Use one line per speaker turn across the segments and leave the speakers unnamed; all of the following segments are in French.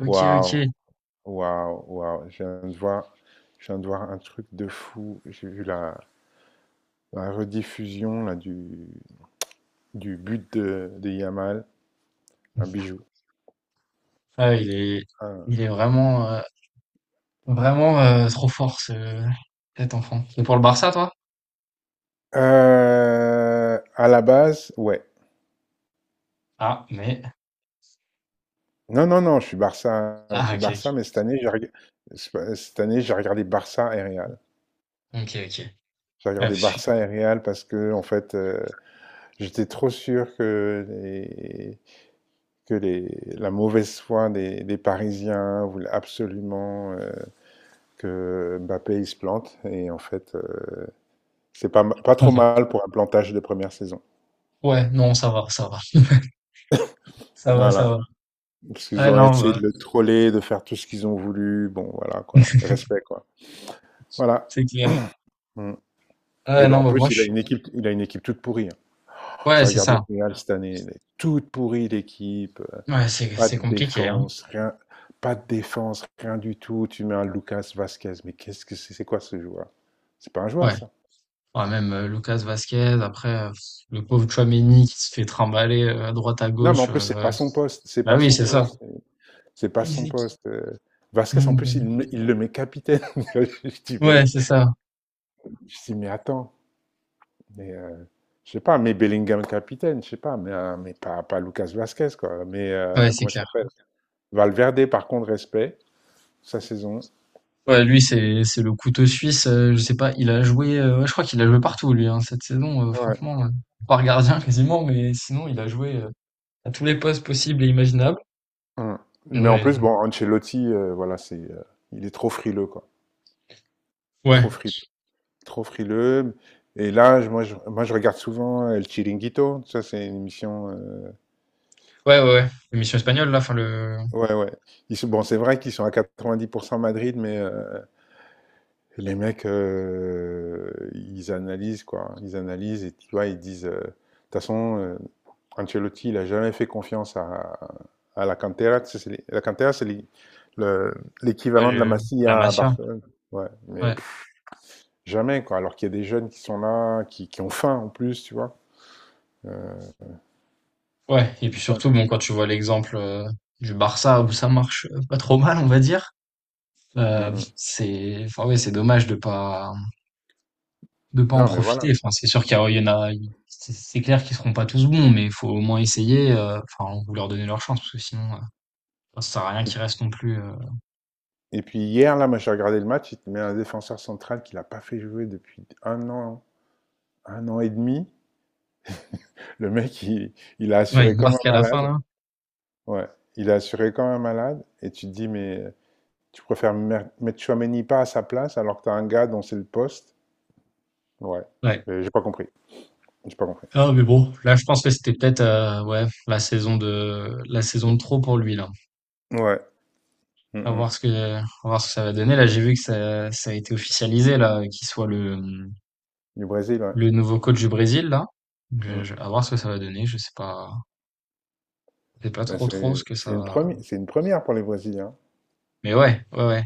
OK,
Waouh,
OK.
waouh, waouh. Je viens de voir un truc de fou. J'ai vu la rediffusion là, du but de Yamal, un bijou.
Ah,
Un-
il est vraiment, trop fort cet enfant. Et pour le Barça, toi?
À la base, ouais.
Ah, mais
Non, non, non, je suis
ok,
Barça, mais cette année, j'ai reg- c'est pas- cette année, j'ai regardé Barça et Real.
ok, ok, ok. Ouais,
J'ai regardé Barça et Real parce que, en fait, j'étais trop sûr que que les, la mauvaise foi des Parisiens voulait absolument que Mbappé il se plante et en fait c'est pas ma- pas trop mal pour un plantage de première saison.
Ouais, non, ça va, ça va, ça va, ça
Voilà,
va.
parce qu'ils
Ah
ont
non,
essayé
bah,
de le troller, de faire tout ce qu'ils ont voulu. Bon voilà quoi, respect quoi. Voilà.
c'est clair.
Mm. Et
Ah
ben
non,
en
bah moi
plus il a
je.
une équipe, il a une équipe toute pourrie, hein.
Ouais,
J'ai
c'est
regardé
ça.
le Real cette année, elle est toute pourrie l'équipe.
Ouais, c'est
Pas
c'est
de
compliqué, hein.
défense, rien, pas de défense, rien du tout. Tu mets un Lucas Vasquez, mais qu'est-ce que c'est, quoi ce joueur? C'est pas un joueur
Ouais.
ça.
Ouais, même Lucas Vasquez. Après, le pauvre Tchouaméni qui se fait trimballer à droite à
Non mais en
gauche.
plus c'est pas son poste, c'est
Bah
pas
oui,
son
c'est ça.
poste. C'est pas
Et
son
c'est qui-
poste. Vasquez, en
non
plus,
bon.
il le met capitaine. je dis, mais,
Ouais, c'est ça.
je dis, mais attends. Mais, je sais pas, mais Bellingham capitaine, je sais pas, mais pas Lucas Vasquez, quoi. Mais
Ouais, c'est
comment ça
clair.
s'appelle? Valverde, par contre, respect, sa saison.
Ouais, lui, c'est le couteau suisse. Je sais pas, il a joué. Ouais, je crois qu'il a joué partout, lui, hein, cette saison.
Ouais.
Franchement, par gardien quasiment, mais sinon, il a joué à tous les postes possibles et imaginables.
Hum. Mais en
Ouais,
plus, bon, Ancelotti, voilà, il est trop frileux, quoi. Trop
ouais,
frileux, trop frileux. Et là, je regarde souvent El Chiringuito. Ça, c'est une émission.
ouais, ouais. Ouais. L'émission espagnole, là, enfin le,
Ouais, ouais. Bon, c'est vrai qu'ils sont à 90% Madrid, mais les mecs, ils analysent, quoi. Ils analysent et tu vois, ils disent. De toute façon, Ancelotti, il n'a jamais fait confiance à la Cantera. Tu sais, la Cantera, le-
ouais,
l'équivalent de la
la
Masia à
Masia.
Barcelone. Ouais, mais
Ouais,
pff, jamais, quoi. Alors qu'il y a des jeunes qui sont là, qui ont faim en plus, tu vois. Euh,
ouais. Et puis
Ja-
surtout, bon, quand tu vois l'exemple du Barça où ça marche pas trop mal, on va dire.
Mm, mm.
C'est, enfin ouais, c'est dommage de pas en
Non, mais voilà.
profiter. Enfin, c'est sûr qu'il y a il y en a il c'est clair qu'ils seront pas tous bons, mais il faut au moins essayer, enfin, on faut leur donner leur chance parce que sinon, ça sert à rien
Et,
qu'ils
puis
restent non plus,
et puis hier, là, moi, j'ai regardé le match, il te met un défenseur central qu'il n'a pas fait jouer depuis un an et demi. Le mec, il a
ouais,
assuré
une
comme
marque
un
à la fin
malade.
là.
Ouais, il a assuré comme un malade. Et tu te dis, mais tu préfères mettre Tchouaméni pas à sa place alors que t'as un gars dont c'est le poste. Ouais,
Ouais.
mais j'ai pas compris. J'ai pas compris.
Ah mais bon, là je pense que c'était peut-être, ouais, la saison de trop pour lui là.
Ouais. Mm,
À
mm.
voir ce que à voir ce que ça va donner. Là, j'ai vu que ça a été officialisé là, qu'il soit le,
Du Brésil, ouais.
le nouveau coach du Brésil là.
Mm.
Je À voir ce que ça va donner. Je sais pas,
Mais
trop
c'est
ce que ça
c'est une
va.
première, c'est une première pour les Brésiliens.
Mais ouais, ouais, ouais,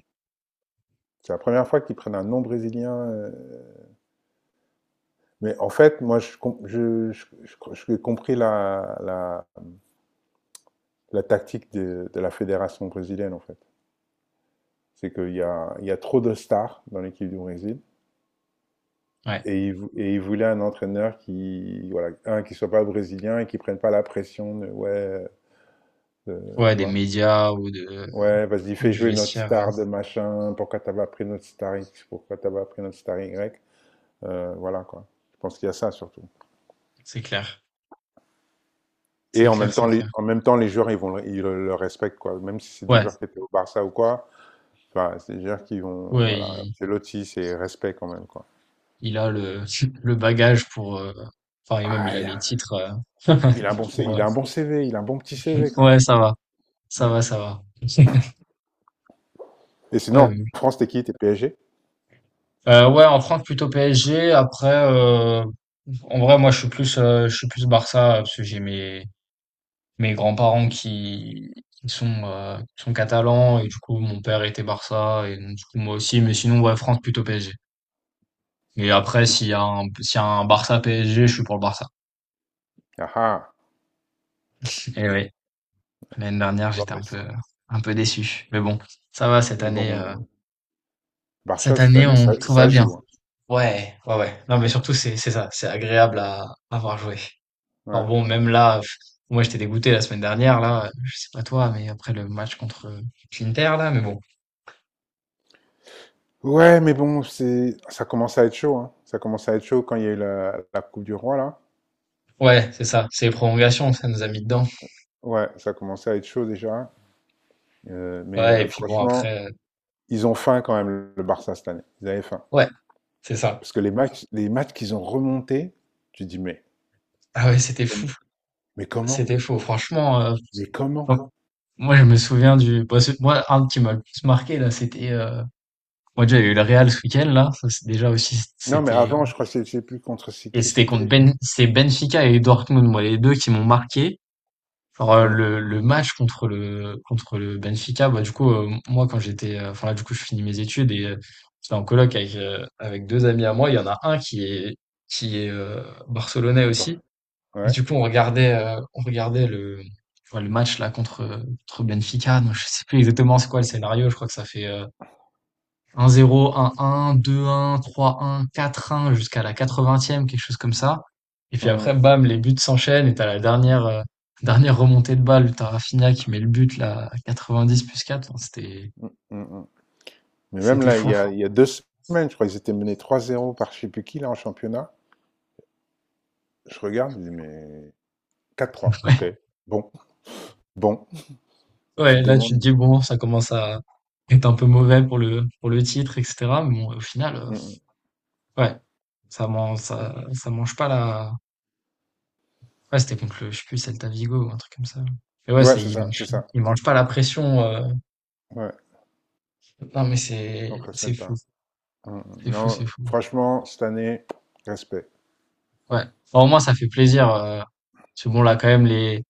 C'est la première fois qu'ils prennent un nom brésilien. Mais en fait, moi, je, com- je- j'ai compris la tactique de la fédération brésilienne, en fait. C'est qu'il y a trop de stars dans l'équipe du Brésil.
ouais.
Et il voulait un entraîneur qui, voilà, un, qui soit pas brésilien et qui prenne pas la pression de, ouais,
Ouais,
tu
des
vois.
médias
Ouais, vas-y,
ou
fais
du
jouer notre
vestiaire,
star de machin. Pourquoi t'as pas pris notre star X? Pourquoi t'as pas pris notre star Y? Voilà, quoi. Je pense qu'il y a ça, surtout.
c'est clair.
Et
C'est
en
clair,
même
c'est
temps,
clair.
les joueurs, ils le respectent, quoi. Même si c'est des
Ouais,
joueurs qui étaient au Barça ou quoi. Enfin, c'est des joueurs qui vont,
ouais,
voilà.
il
C'est Lotti, c'est respect quand même, quoi.
il a le le bagage pour, enfin et même
Ah,
il a
il y
les
a
titres, heu,
Il a un bon, C-
pour,
Il a un bon CV, il a un bon petit CV quand
ouais, ça
même.
va, ça
Mm.
va, ça va.
Et
Ouais,
sinon,
oui.
en France, t'es qui? T'es PSG?
Ouais, en France, plutôt PSG. Après, en vrai, moi, je suis plus Barça, parce que j'ai mes grands-parents qui sont catalans et du coup, mon père était Barça et donc du coup, moi aussi. Mais sinon, ouais, France, plutôt PSG. Et après, s'il y a un Barça PSG, je suis pour le Barça.
Ah ah.
Et oui, l'année dernière,
Bon,
j'étais
mais c'est-
un peu déçu. Mais bon, ça va cette
mais bon,
année,
Barça cette année,
on,
ça,
tout va
ça
bien.
joue, hein.
Ouais, ouais, ouais. Non, mais surtout, c'est ça, c'est agréable à avoir joué. Alors
Ouais.
bon, même là, pff, moi, j'étais dégoûté la semaine dernière, là, je sais pas toi, mais après le match contre l'Inter, là, mais bon.
Ouais, mais bon, ça commence à être chaud, hein. Ça commence à être chaud quand il y a eu la Coupe du Roi là.
Ouais, c'est ça, c'est les prolongations, ça nous a mis dedans.
Ouais, ça commençait à être chaud déjà. Euh, mais
Ouais,
euh,
et puis bon,
franchement,
après,
ils ont faim quand même le Barça cette année. Ils avaient faim
ouais, c'est ça.
parce que les matchs qu'ils ont remontés, tu dis mais
Ah ouais, c'était fou.
comment, mais comment,
C'était fou, franchement.
mais comment?
Moi, je me souviens du. Bah, moi, un qui m'a le plus marqué, là, c'était. Moi, déjà, il y a eu le Real ce week-end, là. Ça, c'est déjà aussi,
Non, mais
c'était.
avant, je crois je sais plus contre c'est
Et
qui
c'était contre
c'était.
Ben. C'est Benfica et Dortmund, moi, les deux qui m'ont marqué. Genre,
Hmm.
le match contre contre le Benfica, bah, du coup, moi, quand j'étais. Enfin, là, du coup, je finis mes études et j'étais en coloc avec, avec deux amis à moi. Il y en a un qui est barcelonais
Bah,
aussi. Et
ouais.
du coup, on regardait le match là contre, contre Benfica. Donc, je sais plus exactement c'est quoi le scénario. Je crois que ça fait 1-0, 1-1, 2-1, 3-1, 4-1 jusqu'à la 80e, quelque chose comme ça. Et puis
Hmm,
après, bam, les buts s'enchaînent et t'as la dernière, dernière remontée de balle. T'as Rafinha qui met le but là à 90 plus 4. Enfin,
hmm, hmm, hmm. Mais même
c'était
là, il
fou.
y a, il y a 2 semaines, je crois qu'ils étaient menés 3-0 par je sais plus qui là en championnat. Je regarde, je dis mais 4-3. Ok.
Ouais.
Bon, bon. Tu
Ouais,
te
là tu te
demandes.
dis bon, ça commence à être un peu mauvais pour le titre, etc. Mais bon, au final.
Hmm, hmm.
Ouais. Ça mange pas la. Ouais, c'était contre le, je sais plus, Celta Vigo ou un truc comme ça. Mais ouais,
Ouais,
ça
c'est ça, c'est ça.
il mange pas la pression,
Ouais,
non mais
c'est contre
c'est fou,
Celta. Hmm, hmm.
c'est fou, c'est
Non,
fou.
franchement, cette année, respect.
Ouais. Bah, au moins ça fait plaisir, parce que bon là quand même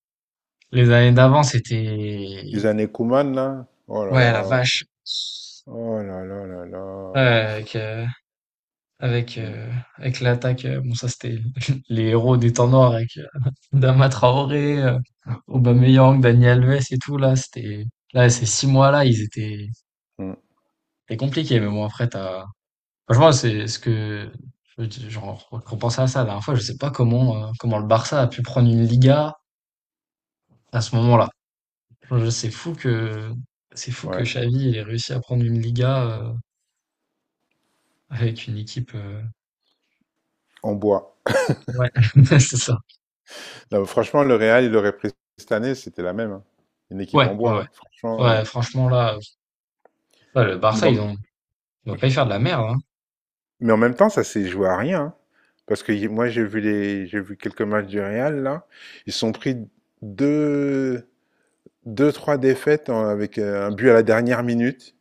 les années d'avant c'était
Les années Koeman là. Oh là
ouais, la
là.
vache!
Oh là là là là.
Ouais, avec, avec
Hmm,
heu, avec l'attaque, bon ça c'était les héros des temps noirs avec, Adama Traoré, Aubameyang, Dani Alves et tout là, c'était là ces 6 mois là, ils étaient,
hmm.
c'était compliqué. Mais bon après t'as franchement c'est ce que je dis, genre repensais à ça la dernière fois, je sais pas comment, comment le Barça a pu prendre une Liga à ce moment-là. Je C'est fou que
Ouais.
Xavi il ait réussi à prendre une Liga, avec une équipe,
On boit.
ouais, c'est ça.
Non, franchement, le Real, il aurait pris cette année, c'était la même, hein. Une équipe
Ouais,
en
ouais,
bois,
ouais.
hein. Franchement.
Ouais franchement là, ouais, le
Mais
Barça,
en,
ils vont pas y faire de la merde, hein.
mais en même temps, ça s'est joué à rien, hein. Parce que moi, j'ai vu quelques matchs du Real, là. Ils se sont pris deux, deux, trois défaites avec un but à la dernière minute.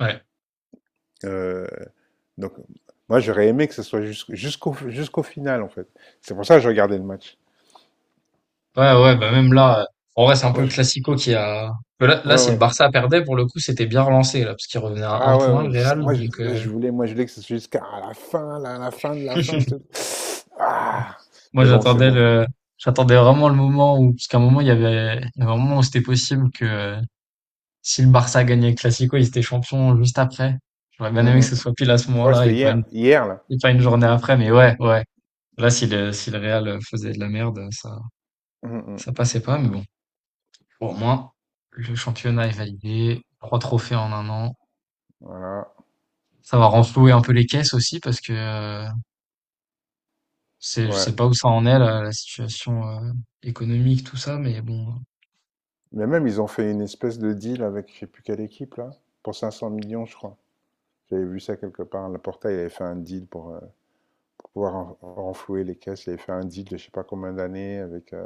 Ouais.
Euh, donc, moi, j'aurais aimé que ce soit jusqu'au final, en fait. C'est pour ça que je regardais le match.
Ouais, ouais, bah même là, en vrai, c'est un
Moi,
peu
je-
Classico qui a. Que là, là,
Ouais,
si le
ouais.
Barça perdait, pour le coup, c'était bien relancé, là, parce qu'il revenait à un
Ah
point,
ouais,
le
ouais,
Real. Donc,
moi je voulais que ce soit jusqu'à la fin, là, la fin de la fin, tu sais. Ah,
moi,
mais bon, c'est ouais, bon.
j'attendais vraiment le moment où, parce qu'à un moment, il y avait un moment où c'était possible que si le Barça gagnait le Classico, ils étaient champions juste après. J'aurais
Mm,
bien aimé
mm,
que ce
mm.
soit pile à ce
Ouais,
moment-là,
c'était hier là.
et pas une journée après, mais ouais, ouais. Là, si le Real faisait de la merde,
Mm,
ça
mm.
passait pas, mais bon. Pour moi, le championnat est validé, 3 trophées en un an.
Voilà,
Ça va renflouer un peu les caisses aussi parce que c'est, je
ouais.
sais pas où ça en est là, la situation économique, tout ça, mais bon,
Mais même ils ont fait une espèce de deal avec je sais plus quelle équipe là, pour 500 millions je crois. J'avais vu ça quelque part. Le portail avait fait un deal pour pouvoir renflouer les caisses. Il avait fait un deal de je sais pas combien d'années avec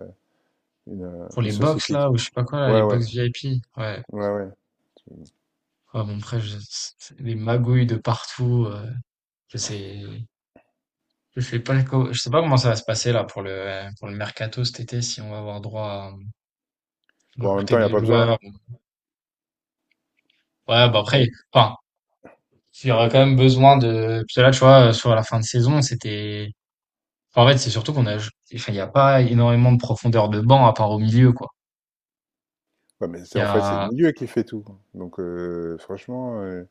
pour
une
les box
société
là,
qui.
ou je sais pas quoi là, les
Ouais, ouais,
box VIP, ouais.
ouais, ouais.
Ouais, bon, après, je, c'est les magouilles de partout, je sais, je sais pas, je sais pas comment ça va se passer là pour pour le mercato cet été, si on va avoir droit à
Bon, en même
recruter
temps, il n'y a
des
pas
joueurs.
besoin,
Ouais, bah après,
hein.
enfin, il y aura quand même besoin de. Parce que là, tu vois, sur la fin de saison, c'était. Enfin, en fait, c'est surtout qu'on a. Enfin, il n'y a pas énormément de profondeur de banc à part au milieu, quoi.
Ouais, mais
Il y
c'est le
a.
milieu qui fait tout. Donc, franchement,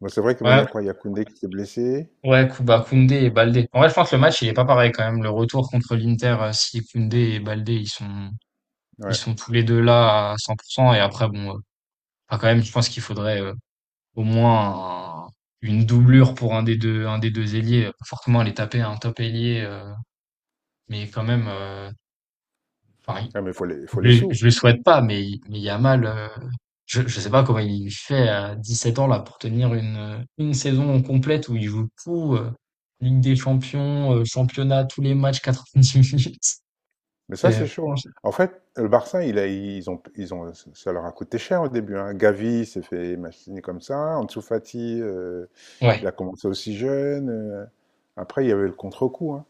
bon, c'est vrai que bon, il y
Ouais,
a quoi? Il y a Koundé qui s'est blessé.
ouais, Kuba, Koundé et Baldé. En vrai, je pense que le match, il est pas pareil quand même. Le retour contre l'Inter, si Koundé et Baldé, ils
Ouais.
sont tous les deux là à 100%. Et après, bon, enfin, quand même, je pense qu'il faudrait au moins une doublure pour un des deux ailiers. Pas forcément aller taper un top ailier, mais quand même. Enfin,
Ah, mais faut les faut les sous.
Je lui souhaite pas, mais, mais Yamal, je sais pas comment il fait à 17 ans là pour tenir une saison complète où il joue tout, Ligue des Champions, championnat, tous les matchs, 90 minutes.
Mais ça,
C'est
c'est chaud,
franchement-
hein.
c'est-
En fait, le Barça, il a ils ont ça leur a coûté cher au début, hein. Gavi, s'est fait machiner comme ça. Ansu Fati, il
Ouais.
a commencé aussi jeune, après, il y avait le contre-coup, hein.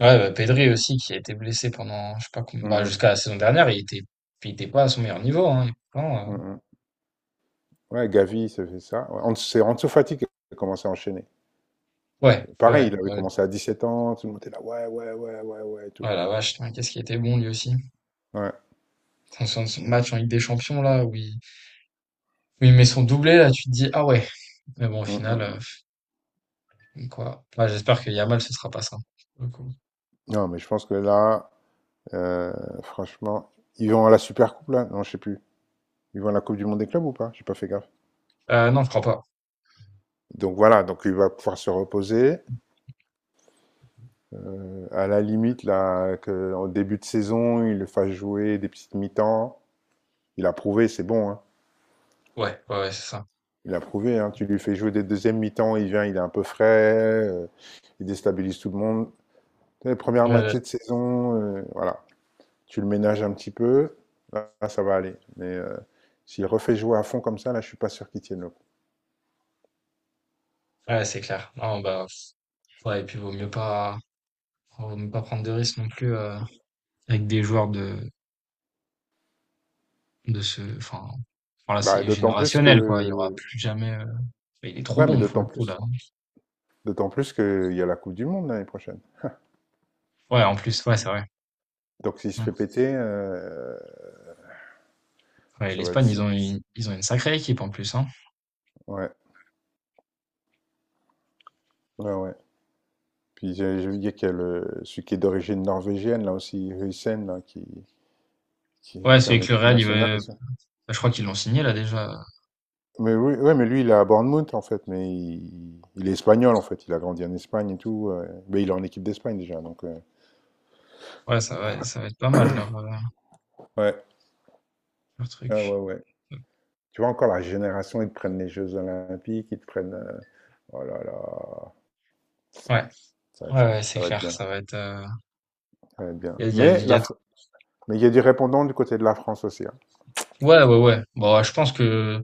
Ouais, bah, Pedri aussi qui a été blessé pendant, je sais pas combien,
Mmh
bah,
mh.
jusqu'à la saison dernière, il était pas à son meilleur niveau, hein. Et pourtant,
Mmh mh. Ouais, Gavi, s'est fait ça. Ouais, Ans c'est Ansu Fati qui a commencé à enchaîner.
ouais, ouais,
Pareil,
ouais,
il avait
ouais,
commencé à 17 ans, tout le monde était là: «Ouais, ouais, ouais, ouais, ouais» et
oh
tout.
la vache, putain, qu'est-ce qui était bon lui aussi.
Ouais.
Son match en Ligue des Champions là, où il met son doublé là, tu te dis, ah ouais. Mais bon, au
Mmh
final,
mh.
donc voilà. Ouais, j'espère que Yamal, ce sera pas ça. Pour le coup.
Non, mais je pense que là, heu, franchement, ils vont à la Super Coupe là? Non, je sais plus. Ils vont à la Coupe du monde des clubs ou pas? J'ai pas fait gaffe.
Non, je crois pas.
Donc voilà, donc il va pouvoir se reposer. À la limite là, qu'en début de saison, il le fasse jouer des petites mi-temps. Il a prouvé, c'est bon, hein.
Ouais, ouais, ouais, c'est ça.
Il a prouvé, hein. Tu lui fais jouer des 2 mi-temps, il vient, il est un peu frais, il déstabilise tout le monde. Tu première
Ouais, ouais,
moitié de saison, voilà, tu le ménages un petit peu, là, ça va aller. Mais, s'il refait jouer à fond comme ça, là, je suis pas sûr qu'il tienne le...
ouais, c'est clair. Non, bah, ouais, et puis vaut mieux pas prendre de risques non plus avec des joueurs de, enfin, voilà,
Bah,
c'est
d'autant plus
générationnel, quoi. Il y aura
que.
plus jamais. Bah, il est trop
Ouais, mais
bon pour
d'autant
le coup
plus.
là.
D'autant plus qu'il y a la Coupe du Monde l'année prochaine.
Ouais, en plus, ouais, c'est vrai.
Donc, s'il se
Mm.
fait péter,
Ouais,
ça va être
l'Espagne,
ça.
ils ont une sacrée équipe en plus, hein.
Ouais, ouais, ouais. Puis, j'ai oublié qu'il y a le... celui qui est d'origine norvégienne, là aussi, Huijsen, là, qui...
Ouais,
qui est
celui
en
que le
équipe
Real, il
nationale
veut-
et tout.
bah, je crois qu'ils l'ont signé là déjà.
Mais oui, ouais, mais lui, il est à Bournemouth, en fait. Mais il est espagnol, en fait. Il a grandi en Espagne et tout. Mais il est en équipe d'Espagne déjà. Donc,
Ouais, ça va être pas mal leur,
ouais.
leur
Ah, ouais,
truc.
ouais. Tu vois, encore la génération, ils te prennent les Jeux Olympiques, ils te prennent. Oh là là.
Ouais,
Ça va être
ouais,
ça.
ouais, c'est
Ça va être
clair,
bien.
ça va être.
Ça va être bien.
Il y a, il y a- il y a-
Mais il y a du répondant du côté de la France aussi, hein.
Ouais, ouais, ouais. Bon, je pense que,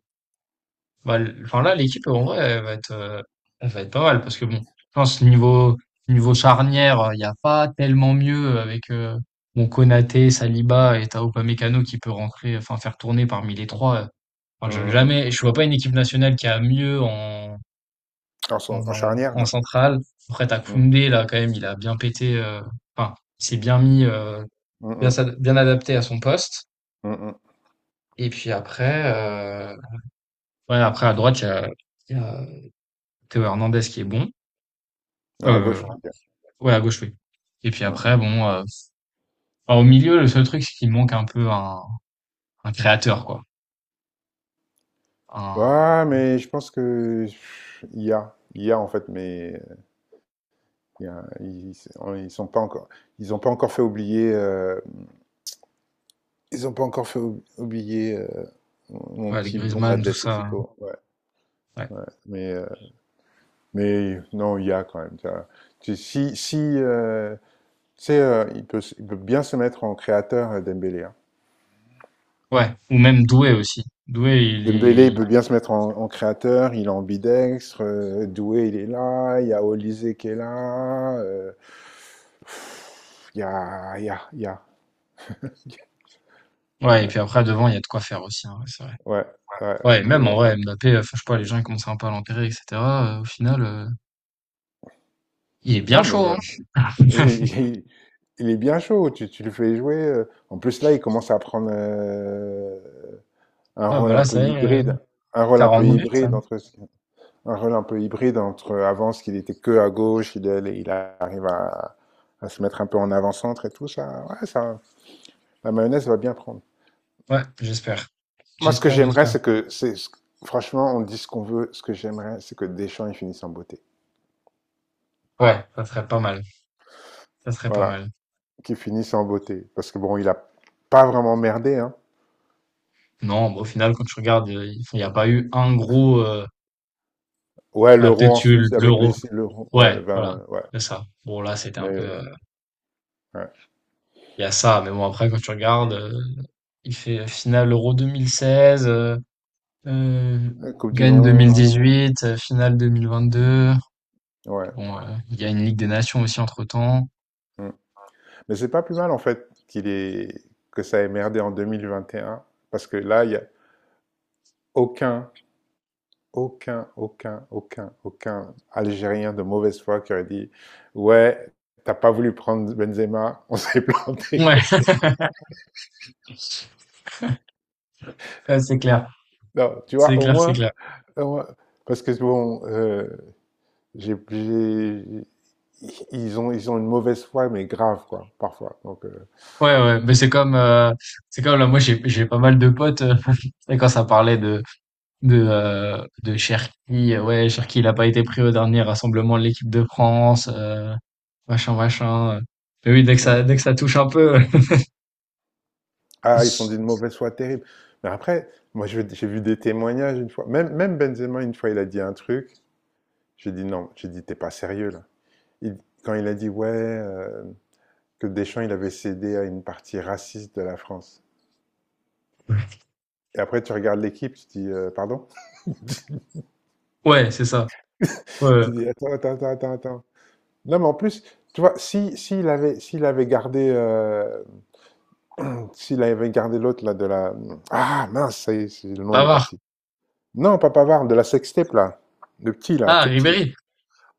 enfin là, l'équipe, en vrai, elle va être pas mal parce que bon, je pense niveau charnière, il n'y a pas tellement mieux avec, bon, Konaté, Saliba et Tao Upamecano qui peut rentrer, enfin, faire tourner parmi les trois. Enfin,
Mm, mm, mm.
jamais, je vois pas une équipe nationale qui a mieux
En charnière,
en
non.
centrale. Après, t'as
Mm,
Koundé, là, quand même, il a bien pété, enfin, il s'est bien mis,
mm,
bien,
mm,
bien adapté à son poste.
mm, mm.
Et puis après, ouais, après à droite, il y a Théo Hernandez qui est bon.
Non, à
Euh,
gauche, tu veux dire.
ouais, à gauche, oui. Et puis
Mm,
après,
mm.
bon, enfin, au milieu, le seul truc, c'est qu'il manque un peu un créateur, quoi. Un,
Ouais, mais je pense que pff, il y a. Il y a en fait, mais il y a- ils, on- ils sont pas encore, ils ont pas encore fait oublier, euh, ils ont pas encore fait oublier mon
ouais, les
petit blond là
Griezmann,
de
tout ça.
l'Atlético. Ouais,
Ouais.
ouais. Mais non, il y a quand même, tu vois. Tu- si si C'est, il peut bien se mettre en créateur, Dembélé, hein.
Ouais. Ou même Doué aussi.
Dembélé, il peut bien se mettre en, en créateur, il est ambidextre, Doué, il est là, il y a Olysée qui est là, il y a, il y a, il y a.
Ouais, et puis
Ouais,
après, devant, il y a de quoi faire aussi, hein, ouais, c'est vrai.
ouais, ouais, je
Ouais,
viens de
même en
voir
vrai,
ça.
Mbappé, enfin, je sais pas, les gens, ils commencent un peu à l'enterrer, etc. Au final, il est bien
Non, mais
chaud,
voilà. Et-
hein.
il, il est bien chaud, tu le fais jouer. En plus, là, il commence à prendre un
Ah, bah
rôle un
là,
peu
ça y est,
hybride, un rôle un
40
peu
minutes, là.
hybride. Un rôle un peu hybride entre avant, ce qu'il était que à gauche, il arrive à se mettre un peu en avant-centre et tout ça. Ouais, ça, la mayonnaise va bien prendre.
Ouais, j'espère.
Moi, ce que
J'espère,
j'aimerais,
j'espère.
c'est, franchement, on dit ce qu'on veut. Ce que j'aimerais, c'est que Deschamps, il finisse en beauté.
Ouais, ça serait pas mal. Ça serait pas
Voilà,
mal.
qu'il finisse en beauté. Parce que bon, il a pas vraiment merdé, hein.
Non, bah, au final, quand tu regardes, il enfin, il y a pas eu un gros,
Ouais,
il y a
l'euro en
peut-être eu
Suisse avec
l'Euro.
l'euro, ouais,
Ouais,
le
voilà,
20, ouais.
c'est ça. Bon là, c'était un peu,
Mais, ouais.
il y a ça, mais bon après quand tu regardes, il fait finale Euro 2016, heu,
La Coupe du
gagne
Monde,
2018, finale 2022.
ouais.
Bon, il y a une Ligue des Nations aussi entre-temps.
Mm. Mais c'est pas plus mal en fait qu'il est que ça ait merdé en 2021, parce que là il y a aucun aucun Algérien de mauvaise foi qui aurait dit ouais, t'as pas voulu prendre Benzema, on s'est planté.
Ouais, ouais, c'est clair,
Non, tu
c'est
vois,
clair, c'est clair.
au moins- parce que bon j'ai j'ai- ils ont une mauvaise foi mais grave quoi parfois,
Ouais, ouais, mais c'est comme là, moi j'ai pas mal de potes, tu sais quand ça parlait de de Cherki, ouais, Cherki, il a pas été pris au dernier rassemblement de l'équipe de France, machin, machin. Mais oui,
hmm.
dès que ça touche un peu,
Ah, ils sont d'une mauvaise foi terrible. Mais après, moi, j'ai vu des témoignages une fois. Même, même Benzema, une fois, il a dit un truc. J'ai dit non. J'ai dit, t'es pas sérieux, là. Il- quand il a dit, ouais, que Deschamps, il avait cédé à une partie raciste de la France. Et après, tu regardes l'équipe, tu dis, pardon?
ouais, c'est ça. Ouais,
Tu dis, attends, attends, attends, attends, attends. Non, mais en plus, tu vois, si, s'il avait gardé l'autre, là, de la. Ah, mince, ça y est, le nom, il est
Pavard.
parti. Non, pas Pavard, de la sextape, là. Le petit, là,
Ah,
tout petit.
Ribéry.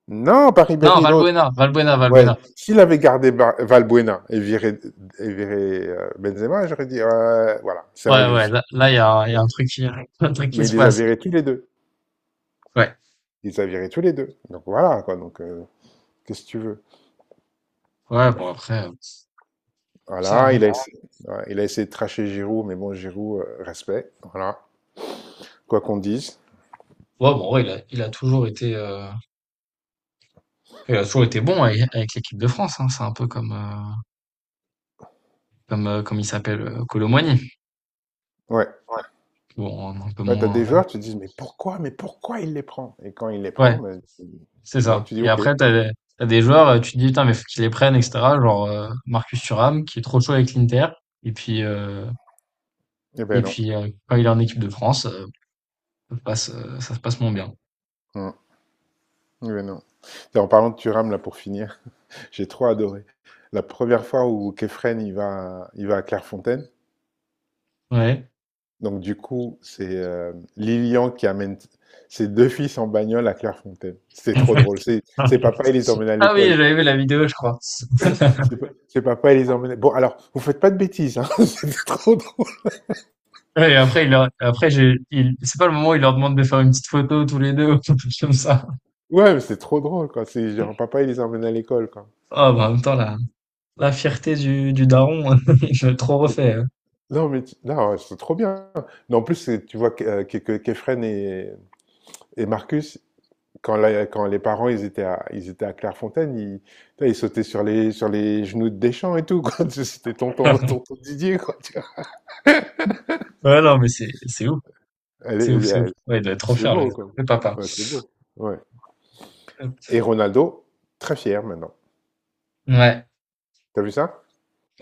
Non, pas
Non,
Ribéry, l'autre. Ouais.
Valbuena.
Ah, s'il Valbuena et viré, Benzema, j'aurais dit, voilà, c'est
Ouais, ouais,
injuste.
là, il y a un truc qui, un truc qui
Mais il
se
les a
passe.
virés tous les deux.
Ouais.
Il les a virés tous les deux. Donc voilà, quoi. Qu'est-ce que tu veux?
Ouais, bon, après, ça,
Voilà,
hein.
il a essayé, ouais, il a essayé de tracher Giroud, mais bon, Giroud, respect. Voilà. Quoi qu'on dise.
Ouais, bon, ouais, il a toujours été, il a toujours été bon avec, avec l'équipe de France, hein. C'est un peu comme, comme il s'appelle, Colomboigny.
Ouais.
Bon, un peu
Ouais, t'as des
moins,
joueurs, tu te dis, mais pourquoi il les prend? Et quand il les prend,
ouais.
ben,
C'est
bon,
ça.
tu dis,
Et
ok.
après,
Eh
t'as des joueurs, tu te dis, putain, mais faut qu'ils les prennent, etc. Genre Marcus Thuram, qui est trop chaud avec l'Inter. Et puis,
ben non.
quand il est en équipe de France, ça se passe moins bien.
Hum. Eh ben non. Tiens, en parlant de Thuram, là, pour finir. J'ai trop adoré. La première fois où Kefren il va à Clairefontaine,
Ouais.
donc du coup, c'est Lilian qui amène ses deux fils en bagnole à Clairefontaine. C'était trop drôle. C'est papa, il les emmène à
Ah oui,
l'école, quoi.
j'avais vu la vidéo, je crois.
C'est papa, il les emmène. Bon, alors, vous faites pas de bêtises. Hein. C'était trop drôle.
Ouais, et après, il leur- après, j'ai, il, c'est pas le moment où il leur demande de faire une petite photo tous les deux, ou quelque chose comme ça.
Ouais, mais c'est trop drôle, quoi. C'est genre papa, il les emmène à l'école, quoi.
Ah, bah, en même temps, la fierté du daron, je l'ai trop
Mais-
refait.
non, non, ouais, c'est trop bien. Non, en plus, tu vois que, que Kefren et Marcus, quand les parents ils étaient à Clairefontaine, ils, putain, ils sautaient sur sur les genoux de Deschamps et tout, quoi. C'était tonton, tonton Didier, quoi, tu vois.
Ouais, non, c'est ouf.
Elle
C'est ouf,
est-
c'est ouf.
elle-
Ouais, il doit être trop
C'est
fier,
beau, quoi.
le papa.
Ouais, c'est beau. Ouais. Et Ronaldo, très fier maintenant.
Ouais.
T'as vu ça?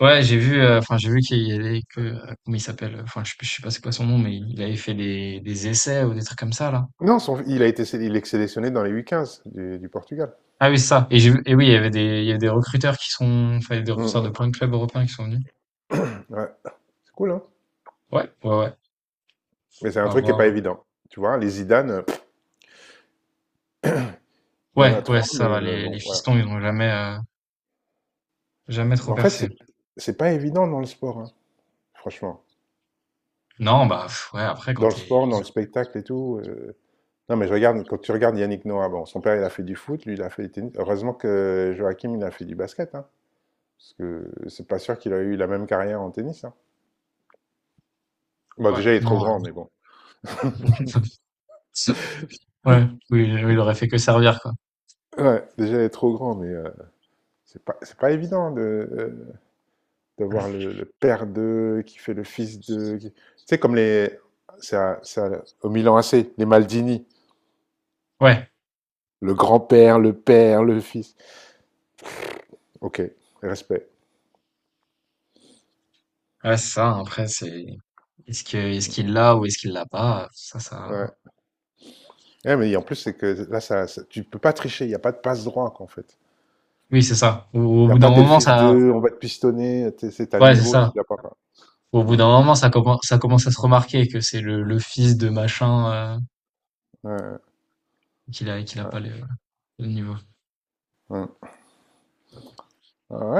Ouais, j'ai vu, enfin, j'ai vu qu'il y avait que, comment il s'appelle? Enfin, je sais pas c'est quoi son nom, mais il avait fait des essais ou des trucs comme ça, là?
Non, il a été, sé- il est sélectionné dans les U15 du Portugal.
Ah oui, c'est ça et j'ai vu et oui, il y avait des il y a des recruteurs qui sont enfin, il y a des
Mm,
recruteurs de
mm.
plein de clubs européens qui sont venus.
Ouais. C'est cool, hein?
Ouais, ouais, ouais,
Mais c'est un
à
truc qui est pas
voir.
évident. Tu vois, les Zidane, il y en
Ouais,
a
ouais,
trois,
c'est ça,
mais
va. Les
bon, voilà.
fistons, ils ont jamais, jamais
Mais
trop
en fait,
percé.
c'est pas évident dans le sport, hein, franchement.
Non, bah, pff, ouais, après quand
Dans le
t'es
sport, dans le spectacle et tout. Non, mais je regarde, quand tu regardes Yannick Noah, bon, son père, il a fait du foot, lui, il a fait du tennis. Heureusement que Joachim, il a fait du basket, hein, parce que c'est pas sûr qu'il a eu la même carrière en tennis, hein. Bon,
ouais,
déjà, il est trop
non,
grand, mais bon.
ouais, oui, oui, il aurait fait que servir, quoi.
Ouais, déjà, il est trop grand, mais c'est pas évident de, d'avoir le père de, qui fait le fils de. Tu sais, comme les. Au Milan AC, les Maldini.
Ouais,
Le grand-père, le père, le fils. Ok, respect.
ouais, c'est ça, après c'est est-ce qu'il l'a ou est-ce qu'il l'a pas? Ça ça
Ouais. Ouais, mais en plus, c'est que là, tu peux pas tricher, il n'y a pas de passe-droit, quoi, en fait.
oui, c'est ça. Au
Il n'y a
bout d'un
pas t'es le
moment,
fils de,
ça,
on va te pistonner, c'est à le
ouais, c'est
niveau,
ça.
t'es a pas.
Au bout
Mm.
d'un moment, ça commence à se remarquer que c'est le fils de machin, euh,
Ouais, ouais,
qu'il a
ouais.
pas le niveau.
Ouais, ouais.